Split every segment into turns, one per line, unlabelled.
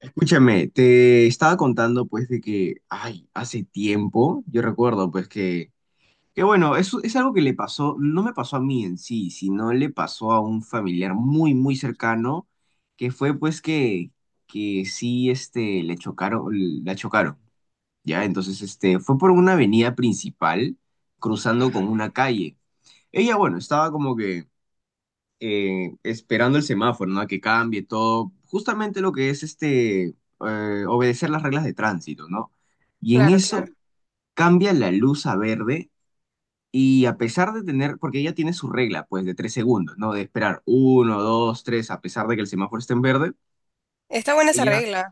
Escúchame, te estaba contando pues de que, ay, hace tiempo, yo recuerdo pues que bueno, es algo que le pasó, no me pasó a mí en sí, sino le pasó a un familiar muy, muy cercano, que fue pues que sí, le chocaron, la chocaron, ¿ya?
Mm.
Entonces, fue por una avenida principal, cruzando con una calle. Ella, bueno, estaba como que esperando el semáforo, ¿no? A que cambie todo, justamente lo que es obedecer las reglas de tránsito, ¿no? Y en
Claro,
eso
claro.
cambia la luz a verde y a pesar de tener, porque ella tiene su regla, pues, de 3 segundos, ¿no? De esperar uno, dos, tres, a pesar de que el semáforo esté en verde,
Está buena esa
ella,
regla.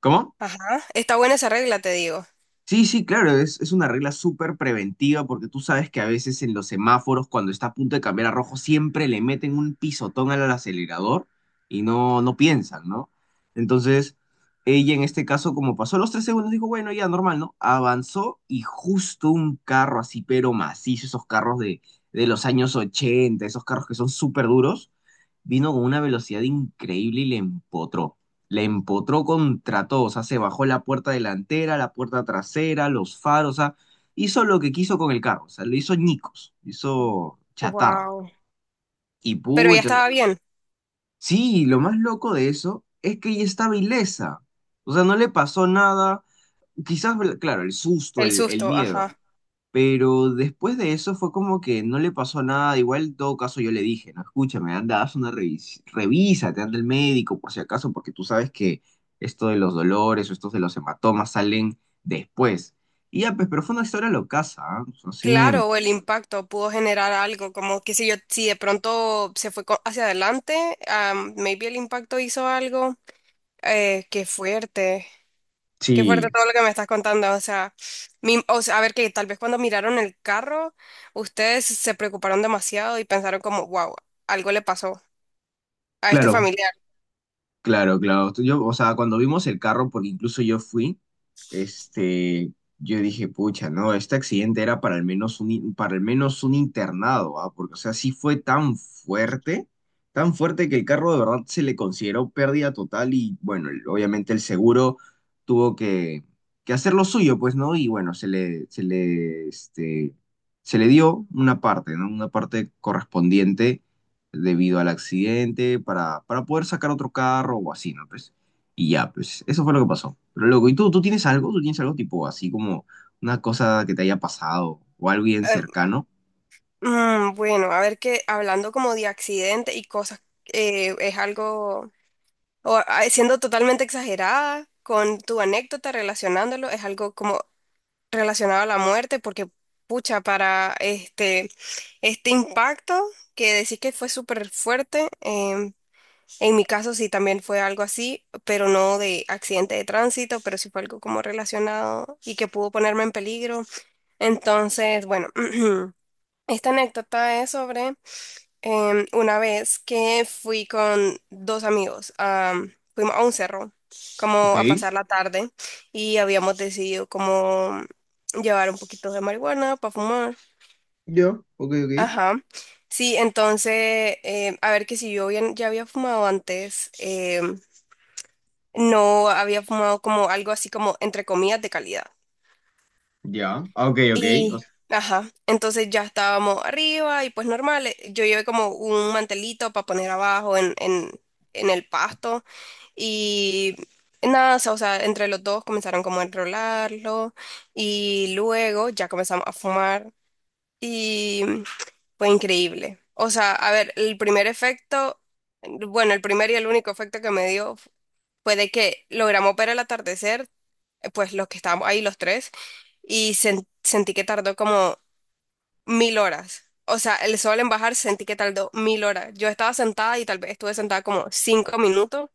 ¿cómo?
Ajá. Está buena esa regla, te digo.
Sí, sí, claro, es una regla súper preventiva porque tú sabes que a veces en los semáforos cuando está a punto de cambiar a rojo siempre le meten un pisotón al acelerador y no, no piensan, ¿no? Entonces, ella en este caso como pasó los 3 segundos dijo, bueno, ya normal, ¿no? Avanzó y justo un carro así pero macizo, esos carros de los años 80, esos carros que son súper duros, vino con una velocidad increíble y le empotró. Le empotró contra todo, o sea, se bajó la puerta delantera, la puerta trasera, los faros, o sea, hizo lo que quiso con el carro, o sea, lo hizo ñicos, lo hizo chatarra.
Wow.
Y
Pero ya
pucha,
estaba bien,
sí, lo más loco de eso es que ella estaba ilesa, o sea, no le pasó nada, quizás, claro, el susto,
el
el
susto,
miedo,
ajá.
pero después de eso fue como que no le pasó nada. Igual, en todo caso, yo le dije, no, escúchame, anda, haz una revisión, revísate, anda el médico por si acaso, porque tú sabes que esto de los dolores o estos de los hematomas salen después. Y ya, pues, pero fue una historia locaza, ¿ah? O sea, sí me.
Claro, o el impacto pudo generar algo, como que si yo, si de pronto hacia adelante, maybe el impacto hizo algo. Eh, qué fuerte, Qué
Sí,
fuerte todo lo que me estás contando. O sea, a ver que tal vez cuando miraron el carro, ustedes se preocuparon demasiado y pensaron como, wow, algo le pasó a este
claro,
familiar.
claro, claro. Yo, o sea, cuando vimos el carro, porque incluso yo fui, yo dije, pucha, no, este accidente era para al menos un internado, ¿ah? Porque, o sea, sí fue tan fuerte que el carro de verdad se le consideró pérdida total y, bueno, obviamente el seguro tuvo que hacer lo suyo, pues, ¿no? Y bueno, se le dio una parte, ¿no? Una parte correspondiente debido al accidente para poder sacar otro carro o así, ¿no? Pues, y ya, pues eso fue lo que pasó. Pero loco, ¿y tú tienes algo? ¿Tú tienes algo tipo así como una cosa que te haya pasado o algo bien
Em,
cercano?
Bueno, a ver que hablando como de accidentes y cosas, es algo, o, ah, siendo totalmente exagerada con tu anécdota relacionándolo, es algo como relacionado a la muerte, porque pucha, este impacto que decís que fue súper fuerte. En mi caso sí también fue algo así, pero no de accidente de tránsito, pero sí fue algo como relacionado y que pudo ponerme en peligro. Entonces, bueno, esta anécdota es sobre... Una vez que fui con dos amigos, fuimos a un cerro,
Ok,
como a pasar la tarde, y habíamos decidido como llevar un poquito de marihuana para fumar.
ok, ok.
Ajá. Sí, entonces, a ver que si yo bien- ya había fumado antes, no había fumado como algo así como entre comillas de calidad.
Ya, ah, ok, ok. o
Y,
s-
ajá, entonces ya estábamos arriba y pues normal, yo llevé como un mantelito para poner abajo en el pasto y nada, o sea, entre los dos comenzaron como a enrolarlo y luego ya comenzamos a fumar y fue increíble. O sea, a ver, el primer efecto, bueno, el primer y el único efecto que me dio fue de que logramos ver el atardecer, pues los que estábamos ahí los tres y sentí que tardó como mil horas. O sea, el sol en bajar sentí que tardó mil horas. Yo estaba sentada y tal vez estuve sentada como cinco minutos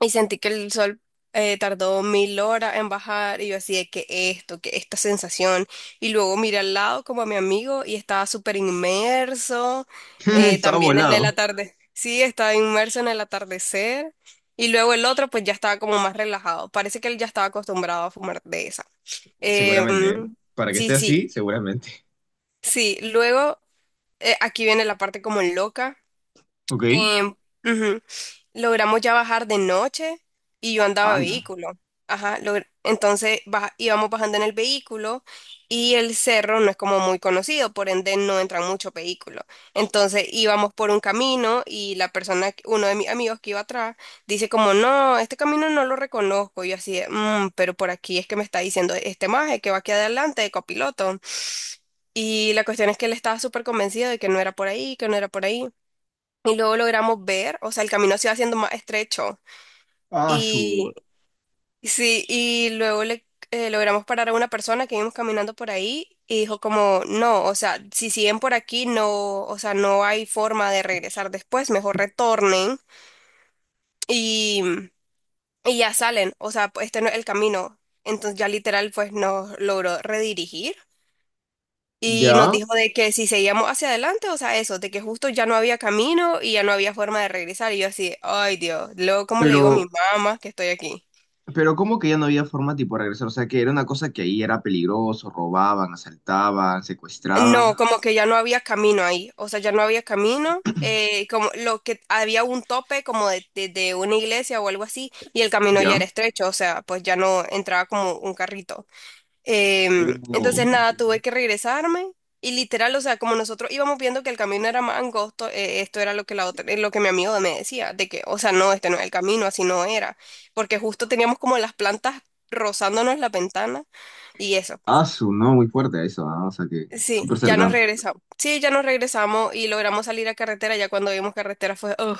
y sentí que el sol tardó mil horas en bajar y yo así de que esto, que esta sensación. Y luego miré al lado como a mi amigo y estaba súper inmerso
Estaba
también en el
volado.
atardecer. Sí, estaba inmerso en el atardecer. Y luego el otro pues ya estaba como más relajado. Parece que él ya estaba acostumbrado a fumar de esa.
Seguramente, ¿eh?
Em,
Para que
sí,
esté así,
sí,
seguramente.
sí. Luego aquí viene la parte como loca.
Ok.
Em, Ujú. Logramos ya bajar de noche y yo andaba
Ala.
vehículo. Ajá, íbamos bajando en el vehículo y el cerro no es como muy conocido, por ende no entran muchos vehículos. Entonces íbamos por un camino y uno de mis amigos que iba atrás, dice como, no, este camino no lo reconozco. Y yo así, de, "Mm, pero por aquí es que me está diciendo este maje que va aquí adelante de copiloto. Y la cuestión es que él estaba súper convencido de que no era por ahí, que no era por ahí. Y luego logramos ver, o sea, el camino se iba haciendo más estrecho.
Ah, su.
Y sí, y luego le logramos parar a una persona que íbamos caminando por ahí y dijo como, no, o sea, si siguen por aquí, no, o sea, no hay forma de regresar después, mejor retornen y, y ya salen, o sea, pues, este no es el camino. Entonces ya literal pues nos logró redirigir. Y nos
Ya,
dijo de que si seguíamos hacia adelante, o sea, eso, de que justo ya no había camino y ya no había forma de regresar. Y yo así, ay Dios, luego, ¿cómo le digo a mi
pero
mamá que estoy aquí?
Pero ¿cómo que ya no había forma tipo de regresar? O sea, que era una cosa que ahí era peligroso, robaban, asaltaban, secuestraban,
No, como que ya no había camino ahí, o sea, ya no había camino, como lo que había un tope como de una iglesia o algo así, y el camino ya
¿ya?
era estrecho, o sea, pues ya no entraba como un carrito.
Oh,
Entonces, nada, tuve que regresarme y literal, o sea, como nosotros íbamos viendo que el camino era más angosto, esto era lo que lo que mi amigo me decía, de que, o sea, no, este no es el camino, así no era, porque justo teníamos como las plantas rozándonos la ventana y eso.
ah, no, muy fuerte eso, ah, o sea, que
Sí,
súper
ya nos
cercano.
regresamos. Sí, ya nos regresamos y logramos salir a carretera. Ya cuando vimos carretera fue, "Ugh,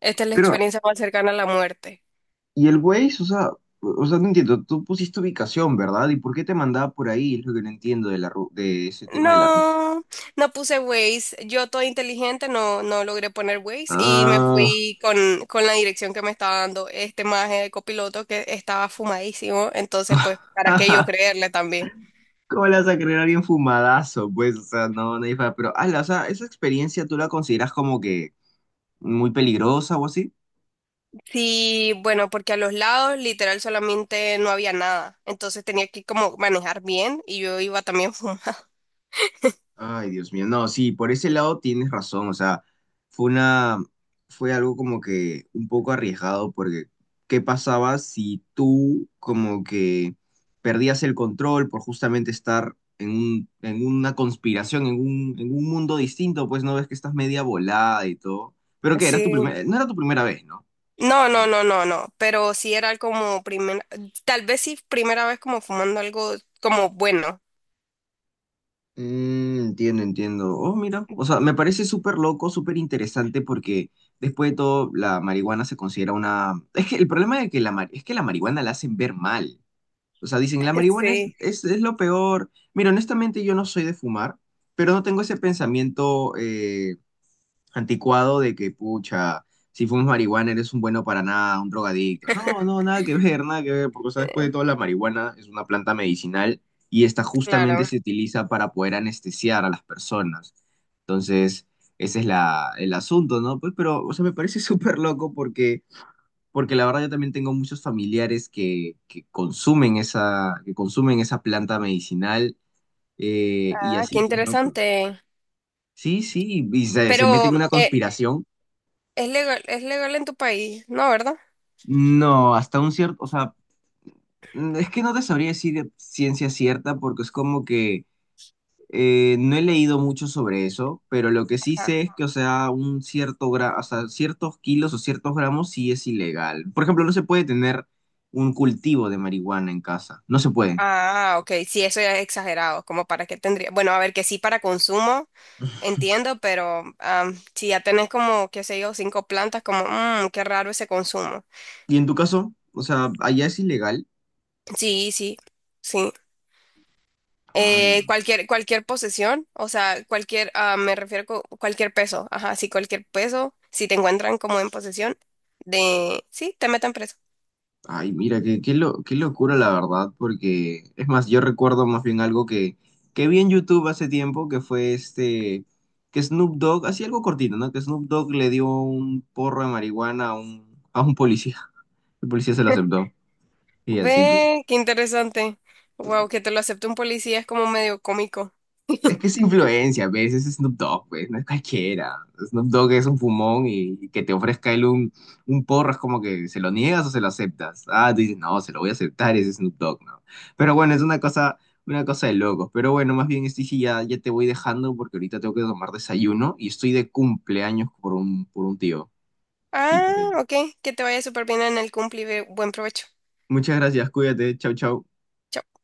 esta es la
Pero,
experiencia más cercana a la muerte.
¿y el güey? O sea, no entiendo, tú pusiste ubicación, ¿verdad? ¿Y por qué te mandaba por ahí? Es lo que no entiendo de ese tema de la ruta.
No, no puse Waze. Yo toda inteligente no, no logré poner Waze y me
Ah,
fui con la dirección que me estaba dando este maje de copiloto que estaba fumadísimo. Entonces, pues, ¿para qué yo
jaja,
creerle también?
¿cómo le vas a creer a alguien fumadazo? Pues, o sea, no, pero, ala, o sea, ¿esa experiencia tú la consideras como que muy peligrosa o así?
Sí, bueno, porque a los lados literal solamente no había nada. Entonces tenía que como manejar bien y yo iba también fumada.
Ay, Dios mío. No, sí, por ese lado tienes razón. O sea, fue una, fue algo como que un poco arriesgado, porque ¿qué pasaba si tú como que perdías el control por justamente estar en un, en una conspiración, en un mundo distinto? Pues no ves que estás media volada y todo. Pero que
Sí.
era tu primera, no era tu primera vez, ¿no?
No, no, no, no, no. Pero sí era como primera, tal vez sí primera vez como fumando algo como bueno.
Mm, entiendo, entiendo. Oh, mira, o sea, me parece súper loco, súper interesante porque después de todo la marihuana se considera una. Es que el problema de que la mar- es que la marihuana la hacen ver mal. O sea, dicen, la marihuana es,
Sí.
es, es lo peor. Mira, honestamente yo no soy de fumar, pero no tengo ese pensamiento anticuado de que, pucha, si fumas marihuana eres un bueno para nada, un drogadicto. No, no, nada que ver, nada que ver, porque o sea, después de todo la marihuana es una planta medicinal y esta justamente
Claro.
se utiliza para poder anestesiar a las personas. Entonces, ese es el asunto, ¿no? Pues, pero, o sea, me parece súper loco porque, porque la verdad yo también tengo muchos familiares que consumen esa planta medicinal, y
Ah, qué
así, pues, ¿no?
interesante.
Sí, sí, y se meten
Pero
en una conspiración.
es legal en tu país, ¿no, verdad?
No, hasta un cierto, o sea, mm, es que no te sabría decir de ciencia cierta porque es como que no he leído mucho sobre eso, pero lo que sí
Ajá.
sé es que, o sea, ciertos kilos o ciertos gramos sí es ilegal. Por ejemplo, no se puede tener un cultivo de marihuana en casa, no se puede.
Ah, ok, sí, eso ya es exagerado, como para qué tendría. Bueno, a ver, que sí para consumo, entiendo, pero si ya tenés como, qué sé yo, cinco plantas, como, mmm, qué raro ese consumo.
¿Y en tu caso? O sea, allá es ilegal.
Sí, sí, sí.
Ay.
Cualquier posesión, o sea, cualquier, ah, me refiero con cualquier peso, ajá, sí, cualquier peso, si te encuentran como en posesión de, sí, te meten preso.
Ay, mira, qué locura la verdad, porque es más, yo recuerdo más bien algo que vi en YouTube hace tiempo, que Snoop Dogg, así algo cortito, ¿no? Que Snoop Dogg le dio un porro de marihuana a un policía. El policía se lo aceptó. Y así, pues.
Ve, qué interesante. Wow, que te lo acepte un policía es como medio cómico.
Es que es influencia, ¿ves? Es Snoop Dogg, pues, no es cualquiera. Snoop Dogg es un fumón y que te ofrezca él un porro es como que se lo niegas o se lo aceptas. Ah, tú dices, no, se lo voy a aceptar, ese Snoop Dogg, ¿no? Pero bueno, es una cosa de locos. Pero bueno, más bien, Stevie, ya, ya te voy dejando porque ahorita tengo que tomar desayuno y estoy de cumpleaños por un tío. Así
Ah,
que
ok, que te vaya súper bien en el cumple y buen provecho.
muchas gracias, cuídate, chau, chau.
Chao.